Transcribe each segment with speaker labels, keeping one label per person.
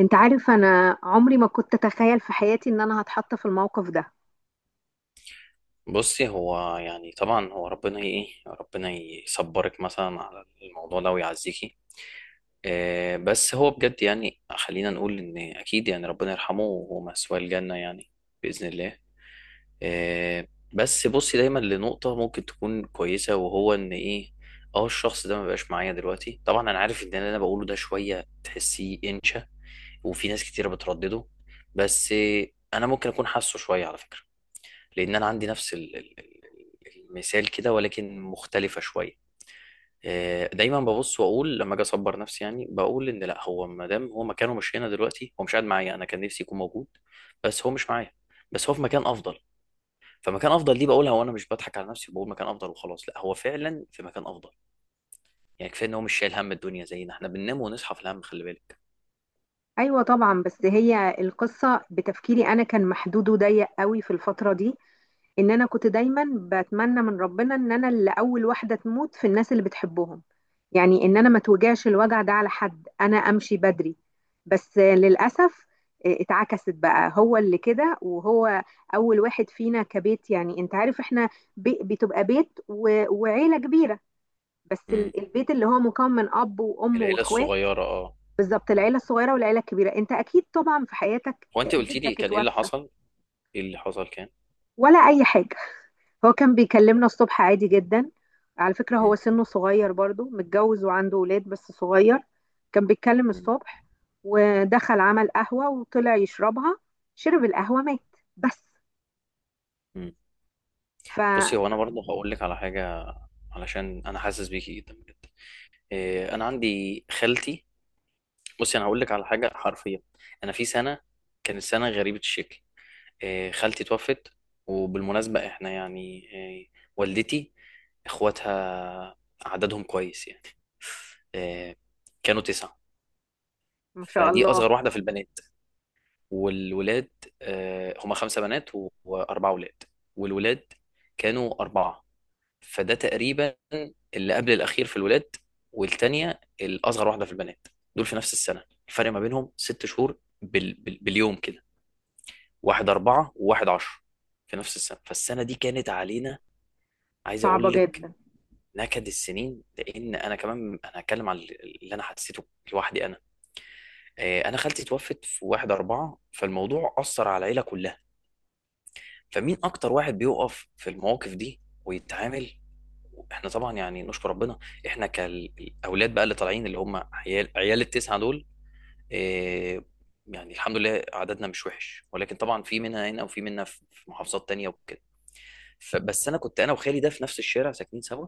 Speaker 1: انت عارف، انا عمري ما كنت اتخيل في حياتي ان انا هتحط في الموقف ده.
Speaker 2: بصي، هو يعني طبعا هو ربنا ي- ايه ربنا يصبرك مثلا على الموضوع ده ويعزيكي. آه، بس هو بجد يعني خلينا نقول ان اكيد يعني ربنا يرحمه وهو مثواه الجنة يعني. بإذن الله. آه. بس بصي دايما لنقطة ممكن تكون كويسة وهو ان ايه، اه الشخص ده ما بقاش معايا دلوقتي. طبعا انا عارف ان اللي انا بقوله ده شوية تحسيه انشا، وفي ناس كتيرة بتردده. بس آه، انا ممكن اكون حاسه شوية على فكرة. لان انا عندي نفس المثال كده ولكن مختلفه شويه. آه، دايما ببص واقول لما اجي اصبر نفسي، يعني بقول ان لا، هو ما دام هو مكانه مش هنا دلوقتي، هو مش قاعد معايا، انا كان نفسي يكون موجود. بس هو مش معايا. بس هو في مكان افضل. فمكان افضل دي بقولها وانا مش بضحك على نفسي، بقول مكان افضل وخلاص. لا، هو فعلا في مكان افضل. يعني كفايه ان هو مش شايل هم الدنيا زينا، احنا بننام ونصحى في الهم، خلي بالك.
Speaker 1: ايوه طبعا، بس هي القصه بتفكيري انا كان محدود وضيق قوي في الفتره دي، ان انا كنت دايما بتمنى من ربنا ان انا اللي اول واحده تموت في الناس اللي بتحبهم. يعني ان انا ما توجعش الوجع ده على حد، انا امشي بدري. بس للاسف، اتعكست بقى، هو اللي كده وهو اول واحد فينا كبيت. يعني انت عارف احنا بتبقى بيت وعيله كبيره، بس
Speaker 2: امم.
Speaker 1: البيت اللي هو مكون من اب وام
Speaker 2: العيله
Speaker 1: واخوات.
Speaker 2: الصغيره، اه.
Speaker 1: بالظبط، العيله الصغيره والعيله الكبيره انت اكيد طبعا في حياتك.
Speaker 2: هو انت قلتي لي
Speaker 1: جدك
Speaker 2: كان ايه اللي
Speaker 1: اتوفى
Speaker 2: حصل؟ ايه اللي حصل كان؟
Speaker 1: ولا اي حاجه؟ هو كان بيكلمنا الصبح عادي جدا، على فكره هو سنه صغير برضو، متجوز وعنده ولاد بس صغير. كان بيتكلم الصبح، ودخل عمل قهوه وطلع يشربها. شرب القهوه، مات. بس.
Speaker 2: امم.
Speaker 1: فما
Speaker 2: بصي، هو انا برضه هقول لك على حاجه، علشان انا حاسس بيكي جدا بجد. إيه، انا عندي خالتي. بصي، انا هقول لك على حاجه حرفيا. انا في سنه، كانت سنه غريبه الشكل. إيه، خالتي توفت. وبالمناسبه احنا يعني إيه، والدتي، اخواتها عددهم كويس يعني. إيه، كانوا تسعه.
Speaker 1: شاء
Speaker 2: فدي
Speaker 1: الله.
Speaker 2: اصغر واحده في البنات والولاد. آه، هما خمسه بنات واربعه ولاد. والولاد كانوا اربعه. فده تقريبا اللي قبل الاخير في الولاد، والتانية الاصغر واحده في البنات. دول في نفس السنه، الفرق ما بينهم ست شهور باليوم كده. واحد أربعة وواحد عشرة، في نفس السنه. فالسنه دي كانت علينا، عايز
Speaker 1: صعبه
Speaker 2: اقول لك،
Speaker 1: جدا.
Speaker 2: نكد السنين. لان انا كمان، انا هتكلم عن اللي انا حسيته لوحدي انا. آه، انا خالتي توفت في واحد أربعة، فالموضوع اثر على العيله كلها. فمين اكتر واحد بيقف في المواقف دي ويتعامل؟ احنا طبعا يعني نشكر ربنا، احنا كالاولاد بقى اللي طالعين، اللي هم عيال عيال التسعه دول. إيه، يعني الحمد لله عددنا مش وحش، ولكن طبعا في منها هنا وفي منها في محافظات تانية وكده. فبس انا كنت انا وخالي ده في نفس الشارع ساكنين سوا،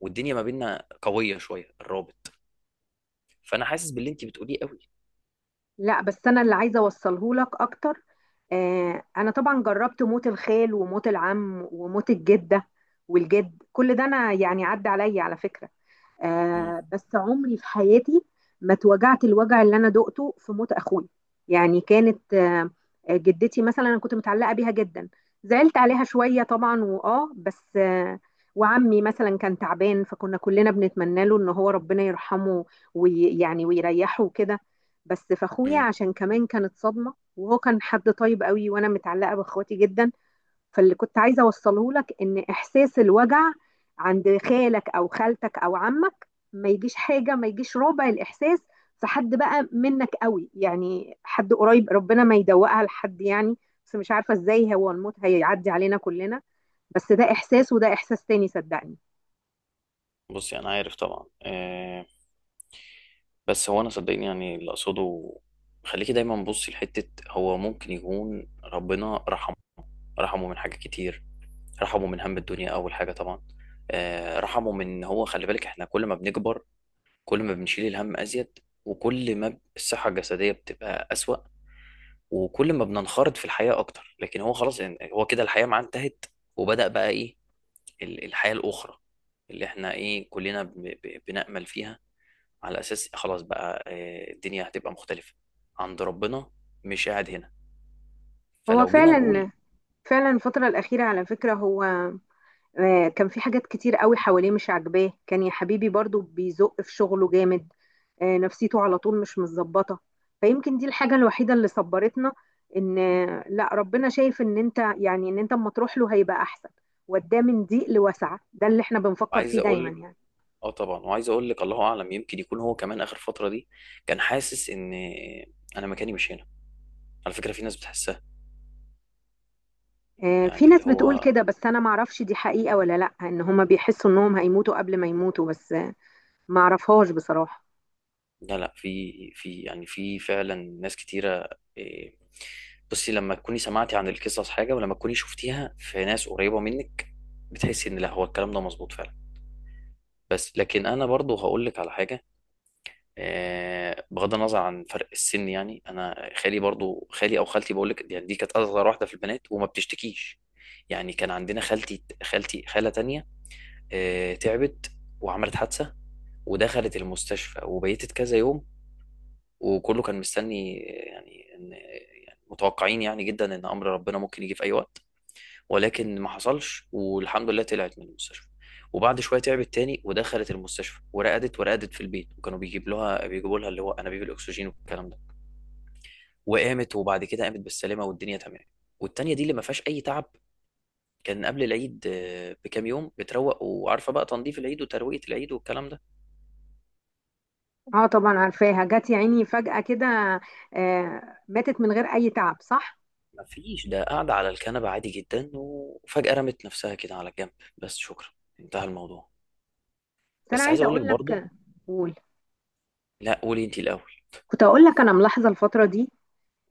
Speaker 2: والدنيا ما بيننا قويه شويه الرابط. فانا حاسس باللي انت بتقوليه قوي.
Speaker 1: لا، بس انا اللي عايزه اوصله لك اكتر. انا طبعا جربت موت الخال وموت العم وموت الجده والجد، كل ده انا يعني عدى عليا على فكره.
Speaker 2: امم
Speaker 1: بس عمري في حياتي ما اتوجعت الوجع اللي انا دقته في موت اخوي. يعني كانت جدتي مثلا انا كنت متعلقه بيها جدا، زعلت عليها شويه طبعا بس وعمي مثلا كان تعبان، فكنا كلنا بنتمنى له ان هو ربنا يرحمه ويعني ويريحه وكده. بس فاخويا
Speaker 2: امم
Speaker 1: عشان كمان كانت صدمه، وهو كان حد طيب قوي، وانا متعلقه باخواتي جدا. فاللي كنت عايزه اوصله لك ان احساس الوجع عند خالك او خالتك او عمك ما يجيش حاجه، ما يجيش ربع الاحساس في حد بقى منك قوي، يعني حد قريب. ربنا ما يدوقها لحد يعني. بس مش عارفه ازاي، هو الموت هيعدي علينا كلنا. بس ده احساس وده احساس تاني، صدقني.
Speaker 2: بصي، انا عارف طبعا إيه. بس هو انا صدقني يعني اللي اقصده، خليكي دايما بصي لحته هو ممكن يكون ربنا رحمه. رحمه من حاجات كتير. رحمه من هم الدنيا اول حاجه طبعا. آه، رحمه من إن هو، خلي بالك، احنا كل ما بنكبر كل ما بنشيل الهم ازيد، وكل ما الصحه الجسديه بتبقى اسوأ، وكل ما بننخرط في الحياه اكتر. لكن هو خلاص يعني هو كده الحياه معاه انتهت، وبدأ بقى ايه، الحياه الاخرى اللي احنا ايه كلنا بنأمل فيها. على اساس خلاص بقى، آه، الدنيا هتبقى مختلفه، عند ربنا، مش قاعد هنا.
Speaker 1: هو
Speaker 2: فلو جينا نقول،
Speaker 1: فعلا فعلا الفتره الاخيره على فكره، هو كان في حاجات كتير قوي حواليه مش عاجباه، كان يا حبيبي برضو بيزق في شغله جامد. نفسيته على طول مش متظبطة. فيمكن دي الحاجة الوحيدة اللي صبرتنا، ان لا، ربنا شايف ان انت يعني ان انت اما تروح له هيبقى احسن، وداه من ضيق لوسعة، ده اللي احنا بنفكر فيه
Speaker 2: عايز
Speaker 1: دايما
Speaker 2: اقول،
Speaker 1: يعني.
Speaker 2: اه طبعا، وعايز اقول لك الله اعلم، يمكن يكون هو كمان اخر فتره دي كان حاسس ان انا مكاني مش هنا. على فكره في ناس بتحسها،
Speaker 1: في
Speaker 2: يعني اللي
Speaker 1: ناس بتقول
Speaker 2: هو،
Speaker 1: كده، بس انا معرفش دي حقيقة ولا لا، ان هما بيحسوا انهم هيموتوا قبل ما يموتوا، بس معرفهاش بصراحة.
Speaker 2: لا لا، في يعني في، فعلا ناس كتيره. إيه، بصي لما تكوني سمعتي عن القصص حاجه، ولما تكوني شفتيها في ناس قريبه منك، بتحسي ان لا، هو الكلام ده مظبوط فعلا. بس لكن انا برضو هقول لك على حاجه. آه، بغض النظر عن فرق السن، يعني انا خالي برضو، خالي او خالتي بقول لك، يعني دي كانت اصغر واحده في البنات وما بتشتكيش. يعني كان عندنا خالتي، خالتي خاله تانية، آه، تعبت وعملت حادثه ودخلت المستشفى وبيتت كذا يوم. وكله كان مستني، آه، يعني ان يعني متوقعين يعني جدا ان امر ربنا ممكن يجي في اي وقت. ولكن ما حصلش والحمد لله طلعت من المستشفى. وبعد شويه تعبت تاني ودخلت المستشفى ورقدت، ورقدت في البيت وكانوا بيجيبوا لها اللي هو انابيب الاكسجين والكلام ده. وقامت، وبعد كده قامت بالسلامه والدنيا تمام. والتانيه دي اللي ما فيهاش اي تعب، كان قبل العيد، آه، بكام يوم، بتروق، وعارفه بقى تنظيف العيد وترويقه العيد والكلام ده.
Speaker 1: اه طبعا عارفاها، جت يا عيني فجأة كده. آه، ماتت من غير اي تعب، صح.
Speaker 2: ما فيش، ده قاعده على الكنبه عادي جدا وفجاه رمت نفسها كده على الجنب. بس شكرا، انتهى الموضوع.
Speaker 1: بس انا
Speaker 2: بس عايز
Speaker 1: عايزه
Speaker 2: اقول
Speaker 1: اقول
Speaker 2: لك برضه.
Speaker 1: لك. قول.
Speaker 2: لا، قولي انت الاول.
Speaker 1: كنت اقول لك انا ملاحظه الفتره دي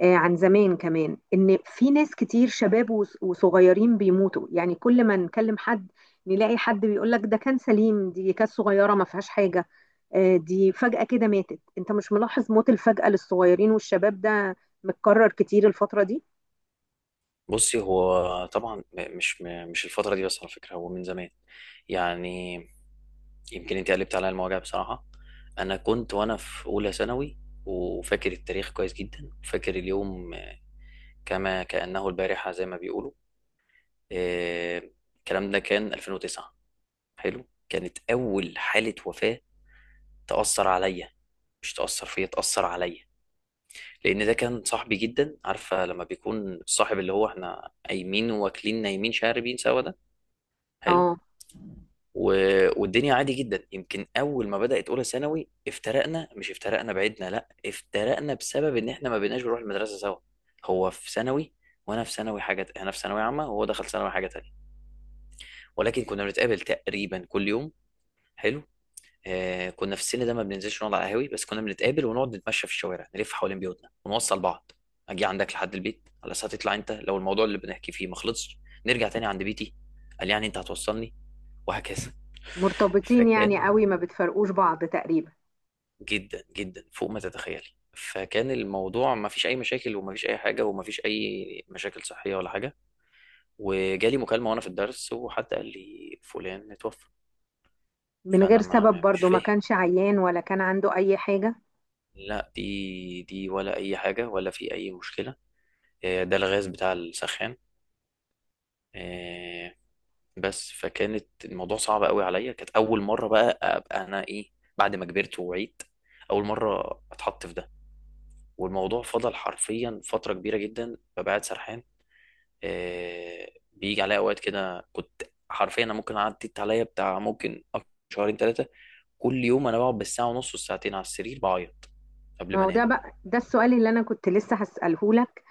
Speaker 1: عن زمان كمان، ان في ناس كتير شباب وصغيرين بيموتوا. يعني كل ما نكلم حد نلاقي حد بيقول لك ده كان سليم، دي كانت صغيره ما فيهاش حاجه، دي فجاه كده ماتت. انت مش ملاحظ موت الفجاه للصغيرين والشباب ده متكرر كتير الفتره دي؟
Speaker 2: بصي، هو طبعا مش الفترة دي بس، على فكرة هو من زمان. يعني يمكن انت قلبت عليا المواجع بصراحة. انا كنت وانا في اولى ثانوي، وفاكر التاريخ كويس جدا وفاكر اليوم كما كأنه البارحة زي ما بيقولوا. آه، الكلام ده كان 2009. حلو، كانت اول حالة وفاة تأثر عليا. مش تأثر فيا، تأثر عليا. لأن ده كان صاحبي جدا، عارفة لما بيكون صاحب اللي هو احنا قايمين واكلين نايمين شاربين سوا ده. حلو.
Speaker 1: اه،
Speaker 2: والدنيا عادي جدا. يمكن اول ما بدات اولى ثانوي افترقنا، مش افترقنا بعيدنا، لا، افترقنا بسبب ان احنا ما بقيناش بنروح المدرسه سوا. هو في ثانوي وانا في ثانوي حاجه، انا في ثانوي عامه وهو دخل ثانوي حاجه تانية. ولكن كنا بنتقابل تقريبا كل يوم. حلو. آه، كنا في السن ده ما بننزلش نقعد على قهاوي، بس كنا بنتقابل ونقعد نتمشى في الشوارع نلف حوالين بيوتنا ونوصل بعض. اجي عندك لحد البيت على اساس هتطلع انت، لو الموضوع اللي بنحكي فيه ما خلصش نرجع تاني عند بيتي. قال يعني انت هتوصلني؟ وهكذا.
Speaker 1: مرتبطين يعني
Speaker 2: فكان
Speaker 1: قوي، ما بتفرقوش بعض تقريبا.
Speaker 2: جدا جدا فوق ما تتخيلي. فكان الموضوع ما فيش اي مشاكل وما فيش اي حاجه وما فيش اي مشاكل صحيه ولا حاجه. وجالي مكالمه وانا في الدرس وحد قال لي فلان اتوفى.
Speaker 1: من غير
Speaker 2: فانا ما
Speaker 1: سبب
Speaker 2: ما- مش
Speaker 1: برضو، ما
Speaker 2: فاهم،
Speaker 1: كانش عيان ولا كان عنده اي حاجه.
Speaker 2: لا، دي ولا اي حاجه ولا في اي مشكله. آه، ده الغاز بتاع السخان. آه، بس فكانت الموضوع صعب قوي عليا. كانت اول مره بقى ابقى انا ايه، بعد ما كبرت ووعيت، اول مره اتحط في ده. والموضوع فضل حرفيا فتره كبيره جدا ببقى قاعد سرحان. آه، بيجي عليا اوقات كده كنت حرفيا، انا ممكن عدت عليا بتاع ممكن أكتر شهرين ثلاثه، كل يوم انا بقعد بالساعه ونص والساعتين على السرير بعيط قبل
Speaker 1: ما
Speaker 2: ما
Speaker 1: هو
Speaker 2: انام.
Speaker 1: ده بقى ده السؤال اللي انا كنت لسه هسأله لك.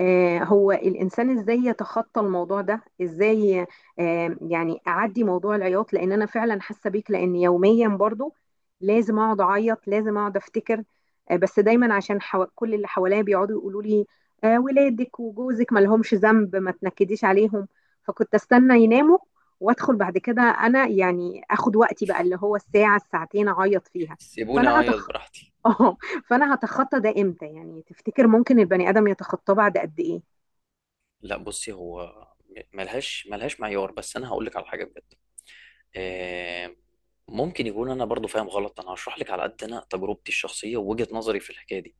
Speaker 1: هو الانسان ازاي يتخطى الموضوع ده، ازاي؟ يعني اعدي موضوع العياط، لان انا فعلا حاسه بيك. لان يوميا برضو لازم اقعد اعيط، لازم اقعد افتكر. بس دايما عشان كل اللي حواليا بيقعدوا يقولوا لي، ولادك وجوزك ما لهمش ذنب، ما تنكديش عليهم. فكنت استنى يناموا، وادخل بعد كده، انا يعني اخد وقتي بقى، اللي هو الساعه الساعتين اعيط فيها.
Speaker 2: سيبوني
Speaker 1: فانا
Speaker 2: اعيط
Speaker 1: هتخ...
Speaker 2: براحتي.
Speaker 1: اه. فانا هتخطى ده امتى يعني؟ تفتكر ممكن البني ادم يتخطاه بعد قد ايه؟
Speaker 2: لا، بصي هو ملهاش معيار، بس انا هقول لك على حاجه بجد. آه، ممكن يكون انا برضو فاهم غلط. انا هشرح لك على قد انا تجربتي الشخصيه ووجهه نظري في الحكايه دي.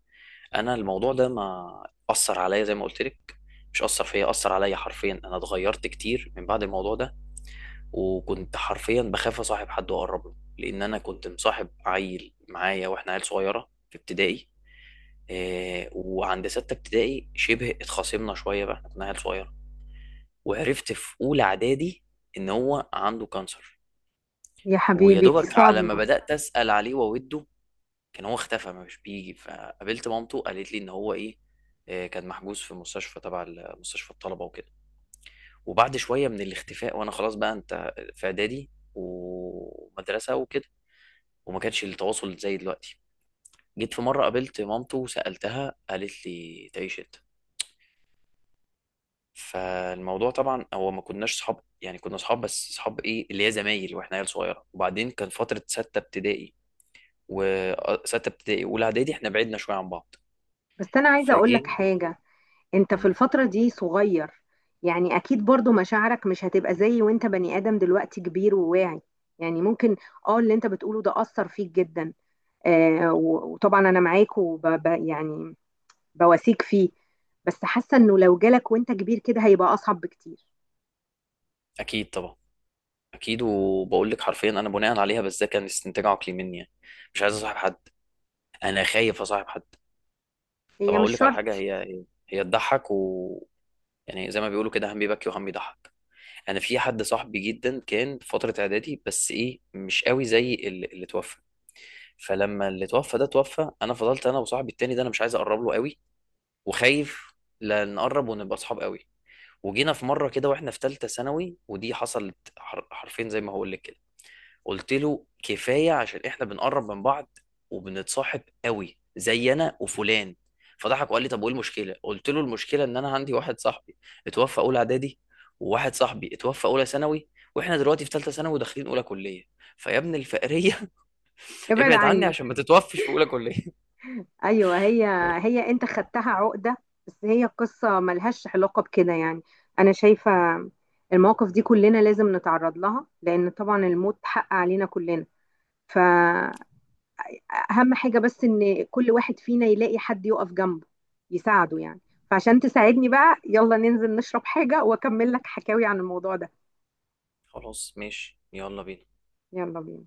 Speaker 2: انا الموضوع ده ما اثر عليا زي ما قلت لك، مش اثر فيا، اثر عليا. حرفيا انا اتغيرت كتير من بعد الموضوع ده. وكنت حرفيا بخاف اصاحب حد واقرب له، لان انا كنت مصاحب عيل معايا واحنا عيل صغيره في ابتدائي. آه، وعند سته ابتدائي شبه اتخاصمنا شويه بقى، احنا كنا عيل صغيره. وعرفت في اولى اعدادي ان هو عنده كانسر.
Speaker 1: يا
Speaker 2: ويا
Speaker 1: حبيبي، دي
Speaker 2: دوبك على ما
Speaker 1: صدمة.
Speaker 2: بدات اسال عليه واوده، كان هو اختفى، ما مش بيجي، فقابلت مامته قالت لي ان هو ايه، آه، كان محجوز في مستشفى تبع مستشفى الطلبه وكده. وبعد شويه من الاختفاء وانا خلاص بقى انت في اعدادي ومدرسه وكده، وما كانش التواصل زي دلوقتي. جيت في مرة قابلت مامته وسألتها، قالت لي تعيش انت. فالموضوع طبعا هو ما كناش صحاب، يعني كنا صحاب بس صحاب ايه اللي هي زمايل، واحنا عيال صغيرة. وبعدين كان فترة ستة ابتدائي، وستة ابتدائي اولى اعدادي احنا بعدنا شوية عن بعض.
Speaker 1: بس انا عايزة اقول لك
Speaker 2: فجينا.
Speaker 1: حاجة، انت في
Speaker 2: مم.
Speaker 1: الفترة دي صغير، يعني اكيد برضو مشاعرك مش هتبقى زي وانت بني ادم دلوقتي كبير وواعي. يعني ممكن اه، اللي انت بتقوله ده اثر فيك جدا. وطبعا انا معاك، يعني بواسيك فيه. بس حاسة انه لو جالك وانت كبير كده هيبقى اصعب بكتير.
Speaker 2: اكيد طبعا. اكيد، وبقول لك حرفيا انا بناء عليها، بس ده كان استنتاج عقلي مني يعني. مش عايز اصاحب حد، انا خايف اصاحب حد. طب
Speaker 1: هي مش
Speaker 2: هقول لك على حاجه،
Speaker 1: شرط.
Speaker 2: هي، هي تضحك، و يعني زي ما بيقولوا كده هم بيبكي وهم بيضحك. انا في حد صاحبي جدا كان في فتره اعدادي، بس ايه مش قوي زي اللي توفى. فلما اللي توفى ده توفى، انا فضلت انا وصاحبي التاني ده، انا مش عايز اقرب له قوي، وخايف لا نقرب ونبقى اصحاب قوي. وجينا في مره كده واحنا في ثالثه ثانوي، ودي حصلت حرفيا زي ما هقول لك. قلت له كفايه، عشان احنا بنقرب من بعض وبنتصاحب قوي زي انا وفلان. فضحك وقال لي طب وايه المشكله، قلت له المشكله ان انا عندي واحد صاحبي اتوفى اولى اعدادي، وواحد صاحبي اتوفى اولى ثانوي، واحنا دلوقتي في ثالثه ثانوي وداخلين اولى كليه، فيا ابن الفقريه
Speaker 1: ابعد
Speaker 2: ابعد عني
Speaker 1: عني.
Speaker 2: عشان ما تتوفش في اولى كليه.
Speaker 1: ايوه هي. هي انت خدتها عقده؟ بس هي قصه ملهاش علاقه بكده يعني. انا شايفه المواقف دي كلنا لازم نتعرض لها، لان طبعا الموت حق علينا كلنا، فاهم؟ حاجه بس ان كل واحد فينا يلاقي حد يقف جنبه، يساعده يعني. فعشان تساعدني بقى، يلا ننزل نشرب حاجه واكمل لك حكاوي عن الموضوع ده.
Speaker 2: خلاص ماشي، يلا بينا.
Speaker 1: يلا بينا.